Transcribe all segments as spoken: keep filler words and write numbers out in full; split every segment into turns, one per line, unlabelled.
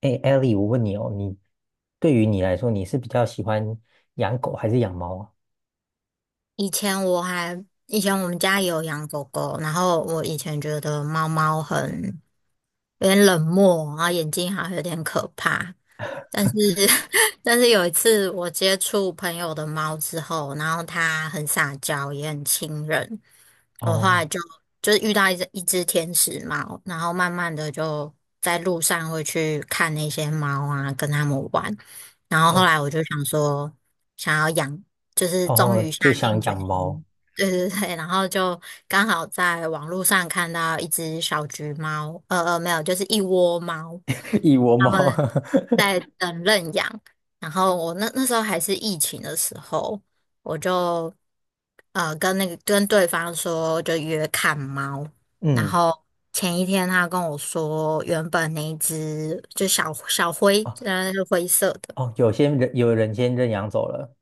哎 e l 我问你哦，你对于你来说，你是比较喜欢养狗还是养猫啊？
以前我还，以前我们家也有养狗狗，然后我以前觉得猫猫很有点冷漠，然后眼睛好像有点可怕。但是，但是有一次我接触朋友的猫之后，然后它很撒娇，也很亲人，我后来
哦
就就是遇到一只一只天使猫，然后慢慢的就在路上会去看那些猫啊，跟它们玩。然后后
哦
来我就想说，想要养，就是终
哦，
于下
就想
定决
养猫。
心，对对对。然后就刚好在网络上看到一只小橘猫，呃呃，没有，就是一窝猫，
一窝
们。
猫。
在等认养，然后我那那时候还是疫情的时候，我就呃跟那个跟对方说就约看猫，然
嗯。
后前一天他跟我说原本那一只就小小灰，
哦
那是灰色的。
哦，有些人有人先认养走了。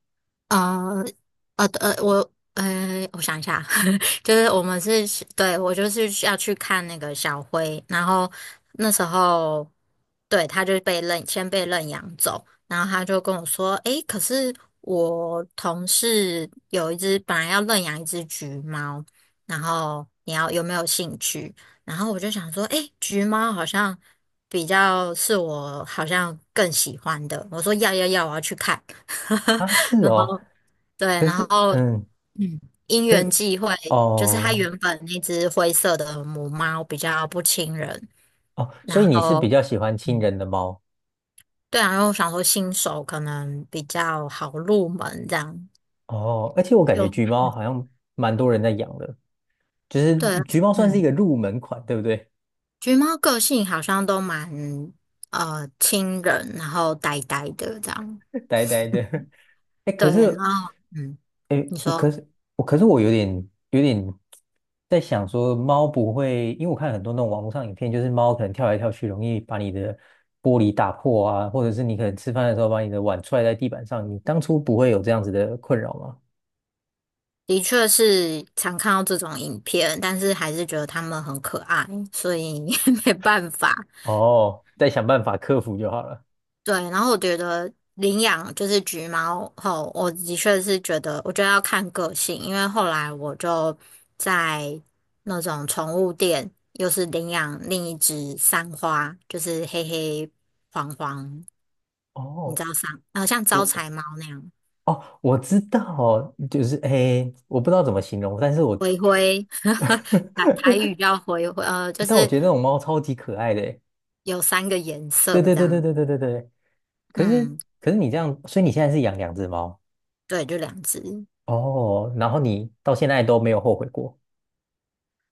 呃呃呃，我呃，我想一下，就是我们是，对，我就是要去看那个小灰，然后那时候，对，他就被认，先被认养走，然后他就跟我说，诶，可是我同事有一只本来要认养一只橘猫，然后你要有没有兴趣？然后我就想说，诶，橘猫好像比较是我好像更喜欢的，我说要要要，我要去看。
啊，是哦。
对，
可
然
是，
后
嗯，
嗯，因
可
缘
是
际会，就是它
哦
原本那只灰色的母猫比较不亲人，
哦，所以
然
你是比
后
较喜欢亲
嗯
人的猫。
对啊，然后我想说新手可能比较好入门这样，
哦，而且我感
就
觉橘猫好像蛮多人在养的，就是
对，
橘猫算是一
嗯，
个入门款，对不对？
橘猫个性好像都蛮呃亲人，然后呆呆的这样，
呆呆的。哎，可
对，然
是
后嗯，
诶，
你
我
说。
可是我可是我有点有点在想说，猫不会，因为我看很多那种网络上影片，就是猫可能跳来跳去，容易把你的玻璃打破啊，或者是你可能吃饭的时候把你的碗踹在地板上，你当初不会有这样子的困扰吗？
的确是常看到这种影片，但是还是觉得它们很可爱，所以 没办法。
哦，再想办法克服就好了。
对，然后我觉得领养就是橘猫后，我的确是觉得，我觉得要看个性，因为后来我就在那种宠物店，又是领养另一只三花，就是黑黑黄黄，你
哦，
知道三，呃，像招
我
财猫那样，
哦，我知道，就是诶，我不知道怎么形容，但是我
灰灰，台台语叫灰灰，呃，就
但我
是
觉得那种猫超级可爱的诶。
有三个颜
对
色
对
这
对对
样，
对对对对。可是
嗯，
可是你这样，所以你现在是养两只猫？
对，就两只
哦，然后你到现在都没有后悔过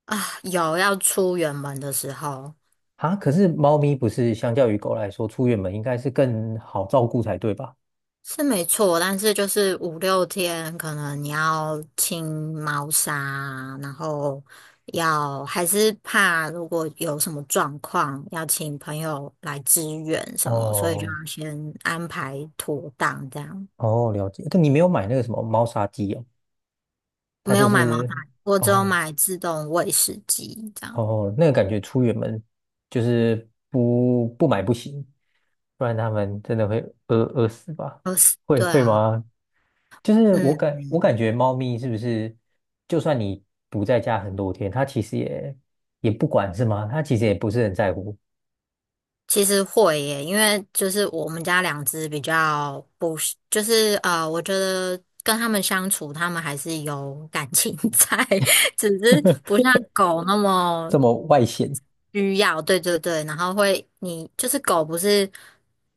啊，有要出远门的时候。
啊？可是猫咪不是相较于狗来说，出远门应该是更好照顾才对吧？
是没错，但是就是五六天，可能你要清猫砂，然后要还是怕如果有什么状况，要请朋友来支援什么，所以就
哦
要先安排妥当这样。
哦，了解。但你没有买那个什么猫砂机哦，它
没
就
有买毛砂，
是
我只有
哦
买自动喂食机这样。
哦，那个感觉出远门就是不不买不行。不然他们真的会饿饿死吧？
哦，是
会
对
会
啊，
吗？就是我感我
嗯。
感觉猫咪是不是，就算你不在家很多天，它其实也也不管是吗？它其实也不是很在乎。
其实会耶，因为就是我们家两只比较不是就是呃，我觉得跟它们相处，它们还是有感情 在，只是不 像狗那么
这么外显，
需要。对对对，然后会你就是狗不是。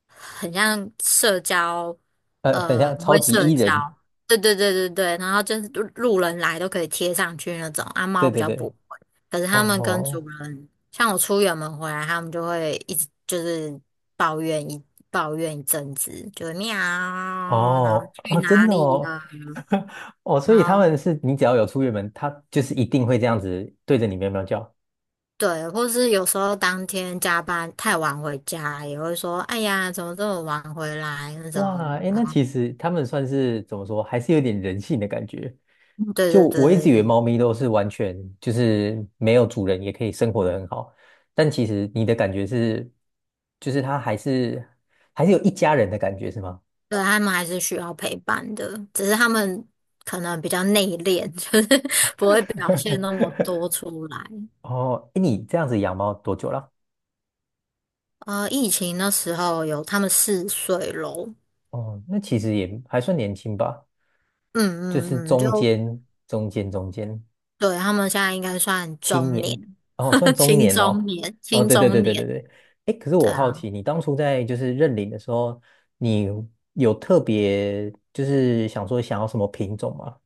很像社交，
呃，很
呃，
像
很
超
会
级
社
E
交。
人。
对对对对对，然后就是路路人来都可以贴上去那种，啊，
对
猫比
对
较不
对。
会。可是
哦
他们跟主
哦
人，像我出远门回来，他们就会一直就是抱怨一抱怨一阵子，就是喵，然后
哦。
去
啊真
哪
的
里
哦。
了，
哦，所
然
以他
后
们是你只要有出远门，它就是一定会这样子对着你喵喵叫。
对，或是有时候当天加班太晚回家，也会说，哎呀，怎么这么晚回来那种。
哇，哎，
然
那
后
其实他们算是怎么说，还是有点人性的感觉。
对
就
对
我一
对
直以为
对
猫咪都是完全就是没有主人也可以生活得很好，但其实你的感觉是，就是它还是还是有一家人的感觉，是吗？
对，他们还是需要陪伴的，只是他们可能比较内敛，就是不会表现 那么多出来。
哦，哎，你这样子养猫多久了？
呃，疫情那时候有他们四岁咯，
哦，那其实也还算年轻吧，
嗯
就是
嗯嗯，就
中间中间中间。
对，他们现在应该算
青
中
年
年，
哦，算 中
青
年
中
哦。
年，
哦，
青
对对对
中
对对
年，
对。哎，可是
对
我好
啊。
奇，你当初在就是认领的时候，你有特别就是想说想要什么品种吗？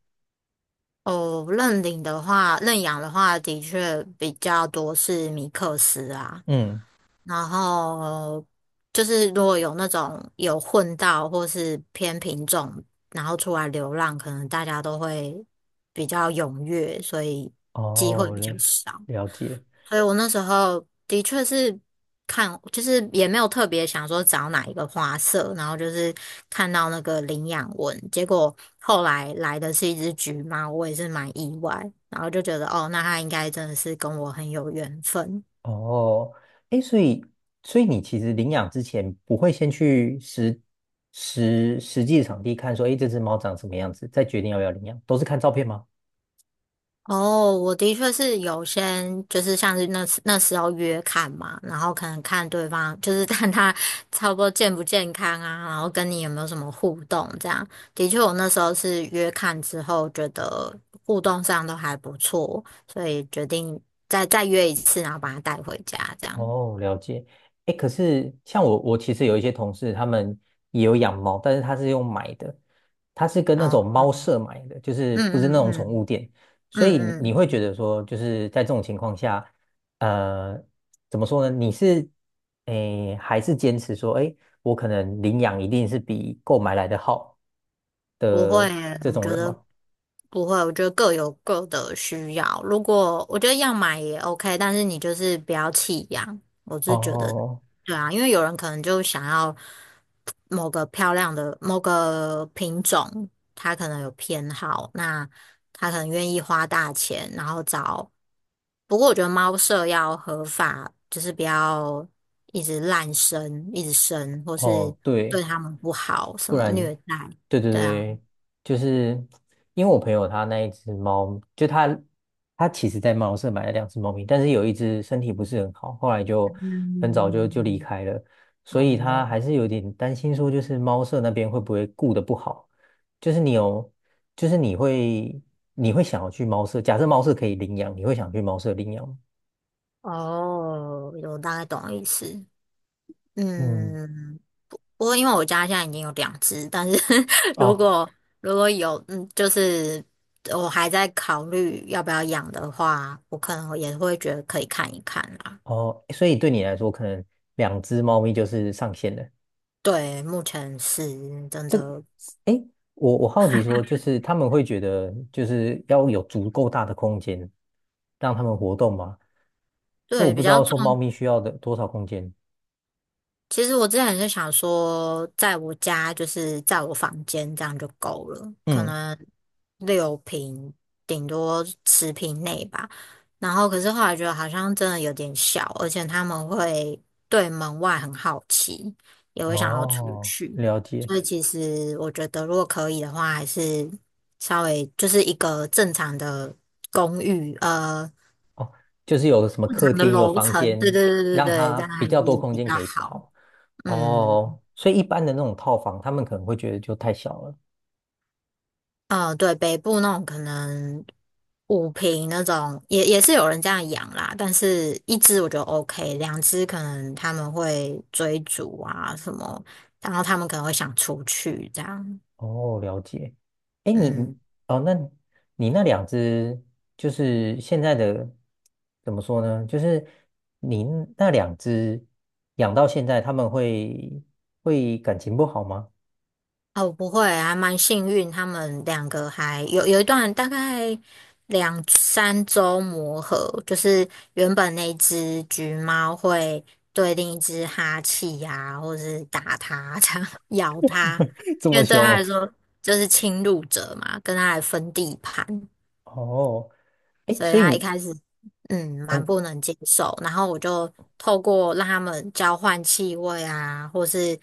哦，认领的话，认养的话，的确比较多是米克斯啊。
嗯。
然后就是如果有那种有混到或是偏品种，然后出来流浪，可能大家都会比较踊跃，所以机会
哦
比较
嘞，
少。
了解。
所以我那时候的确是看，就是也没有特别想说找哪一个花色，然后就是看到那个领养文，结果后来来的是一只橘猫，我也是蛮意外，然后就觉得哦，那它应该真的是跟我很有缘分。
哦，哎，所以所以你其实领养之前不会先去实实实际场地看说，哎，这只猫长什么样子，再决定要不要领养，都是看照片吗？
哦，我的确是有先，就是像是那时那时候约看嘛，然后可能看对方，就是 看他差不多健不健康啊，然后跟你有没有什么互动这样。的确，我那时候是约看之后，觉得互动上都还不错，所以决定再再约一次，然后把他带回家这样。
哦，了解。哎，可是像我，我其实有一些同事，他们也有养猫，但是他是用买的，他是跟
然
那
后，
种猫舍买的，就是
嗯
不是那
嗯
种宠
嗯
物店。所以你
嗯
你会
嗯，
觉得说，就是在这种情况下，呃，怎么说呢？你是诶，还是坚持说，哎，我可能领养一定是比购买来的好
不会
的
耶
这
我
种
觉
人吗？
得不会，我觉得各有各的需要。如果我觉得要买也 OK，但是你就是不要弃养。我是觉得，
哦
对啊，因为有人可能就想要某个漂亮的某个品种，他可能有偏好，那他可能愿意花大钱，然后找。不过我觉得猫舍要合法，就是不要一直滥生、一直生，或是
哦，
对
对。
它们不好，什
不
么
然，
虐待，
对对
对啊。
对，就是因为我朋友他那一只猫，就他他其实在猫舍买了两只猫咪，但是有一只身体不是很好，后来就很早就就离
嗯。
开了，所以他
哦
还是有点担心说，就是猫舍那边会不会顾得不好，就是你有，就是你会你会想要去猫舍，假设猫舍可以领养，你会想去猫舍领养吗？
哦，我大概懂意思。
嗯。
嗯，不过因为我家现在已经有两只，但是 如
哦
果如果有，嗯，就是我还在考虑要不要养的话，我可能也会觉得可以看一看啦。
哦，所以对你来说，可能两只猫咪就是上限了。
对，目前是真
这个，
的，
哎，我我好奇说，就是他们会觉得就是要有足够大的空间让他们活动吗？就我
对，
不
比
知
较
道说猫
重
咪需要的多少空间。
其实我之前就想说，在我家就是在我房间这样就够了，可
嗯。
能六平顶多十平内吧。然后可是后来觉得好像真的有点小，而且他们会对门外很好奇，也会想要出
哦，
去。
了解。
所以其实我觉得，如果可以的话，还是稍微就是一个正常的公寓，呃，
哦，就是有个什么
正
客
常的
厅，有
楼
房
层，对
间，
对对对
让
对，
它
这样
比
还是
较多空
比
间
较
可以
好。
跑。
嗯。
哦，所以一般的那种套房，他们可能会觉得就太小了。
嗯、呃对，北部那种可能五瓶那种，也也是有人这样养啦，但是一只我觉得 OK，两只可能他们会追逐啊什么，然后他们可能会想出去这样，
哦，了解。哎，你
嗯。
哦，那你那两只就是现在的怎么说呢？就是你那两只养到现在，他们会会感情不好吗？
哦，不会，还蛮幸运，他们两个还有有一段大概两三周磨合，就是原本那只橘猫会对另一只哈气呀、或是打它、这样咬它，
这
因
么
为对
凶
它来
哦？
说就是侵入者嘛，跟它来分地盘。
哦，哎，
所以
所以
他一
你
开始嗯蛮
嗯、
不能接受，然后我就透过让他们交换气味啊，或是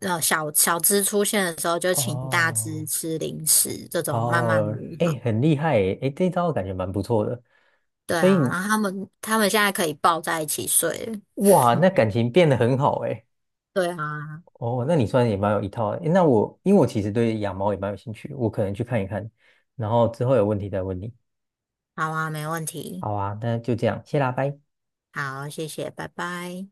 呃小小只出现的时候就
呃
请大只
哦
吃零食，这种慢慢磨
哦，哎，
合
很厉害哎，哎，这招感觉蛮不错的。
对
所以
啊，然后他们他们现在可以抱在一起睡了。
哇，那感情变得很好哎。
对啊，
哦，那你算也蛮有一套的。诶那我因为我其实对养猫也蛮有兴趣，我可能去看一看，然后之后有问题再问你。
好啊，没问题，
好啊，那就这样，谢啦，拜。
好，谢谢，拜拜。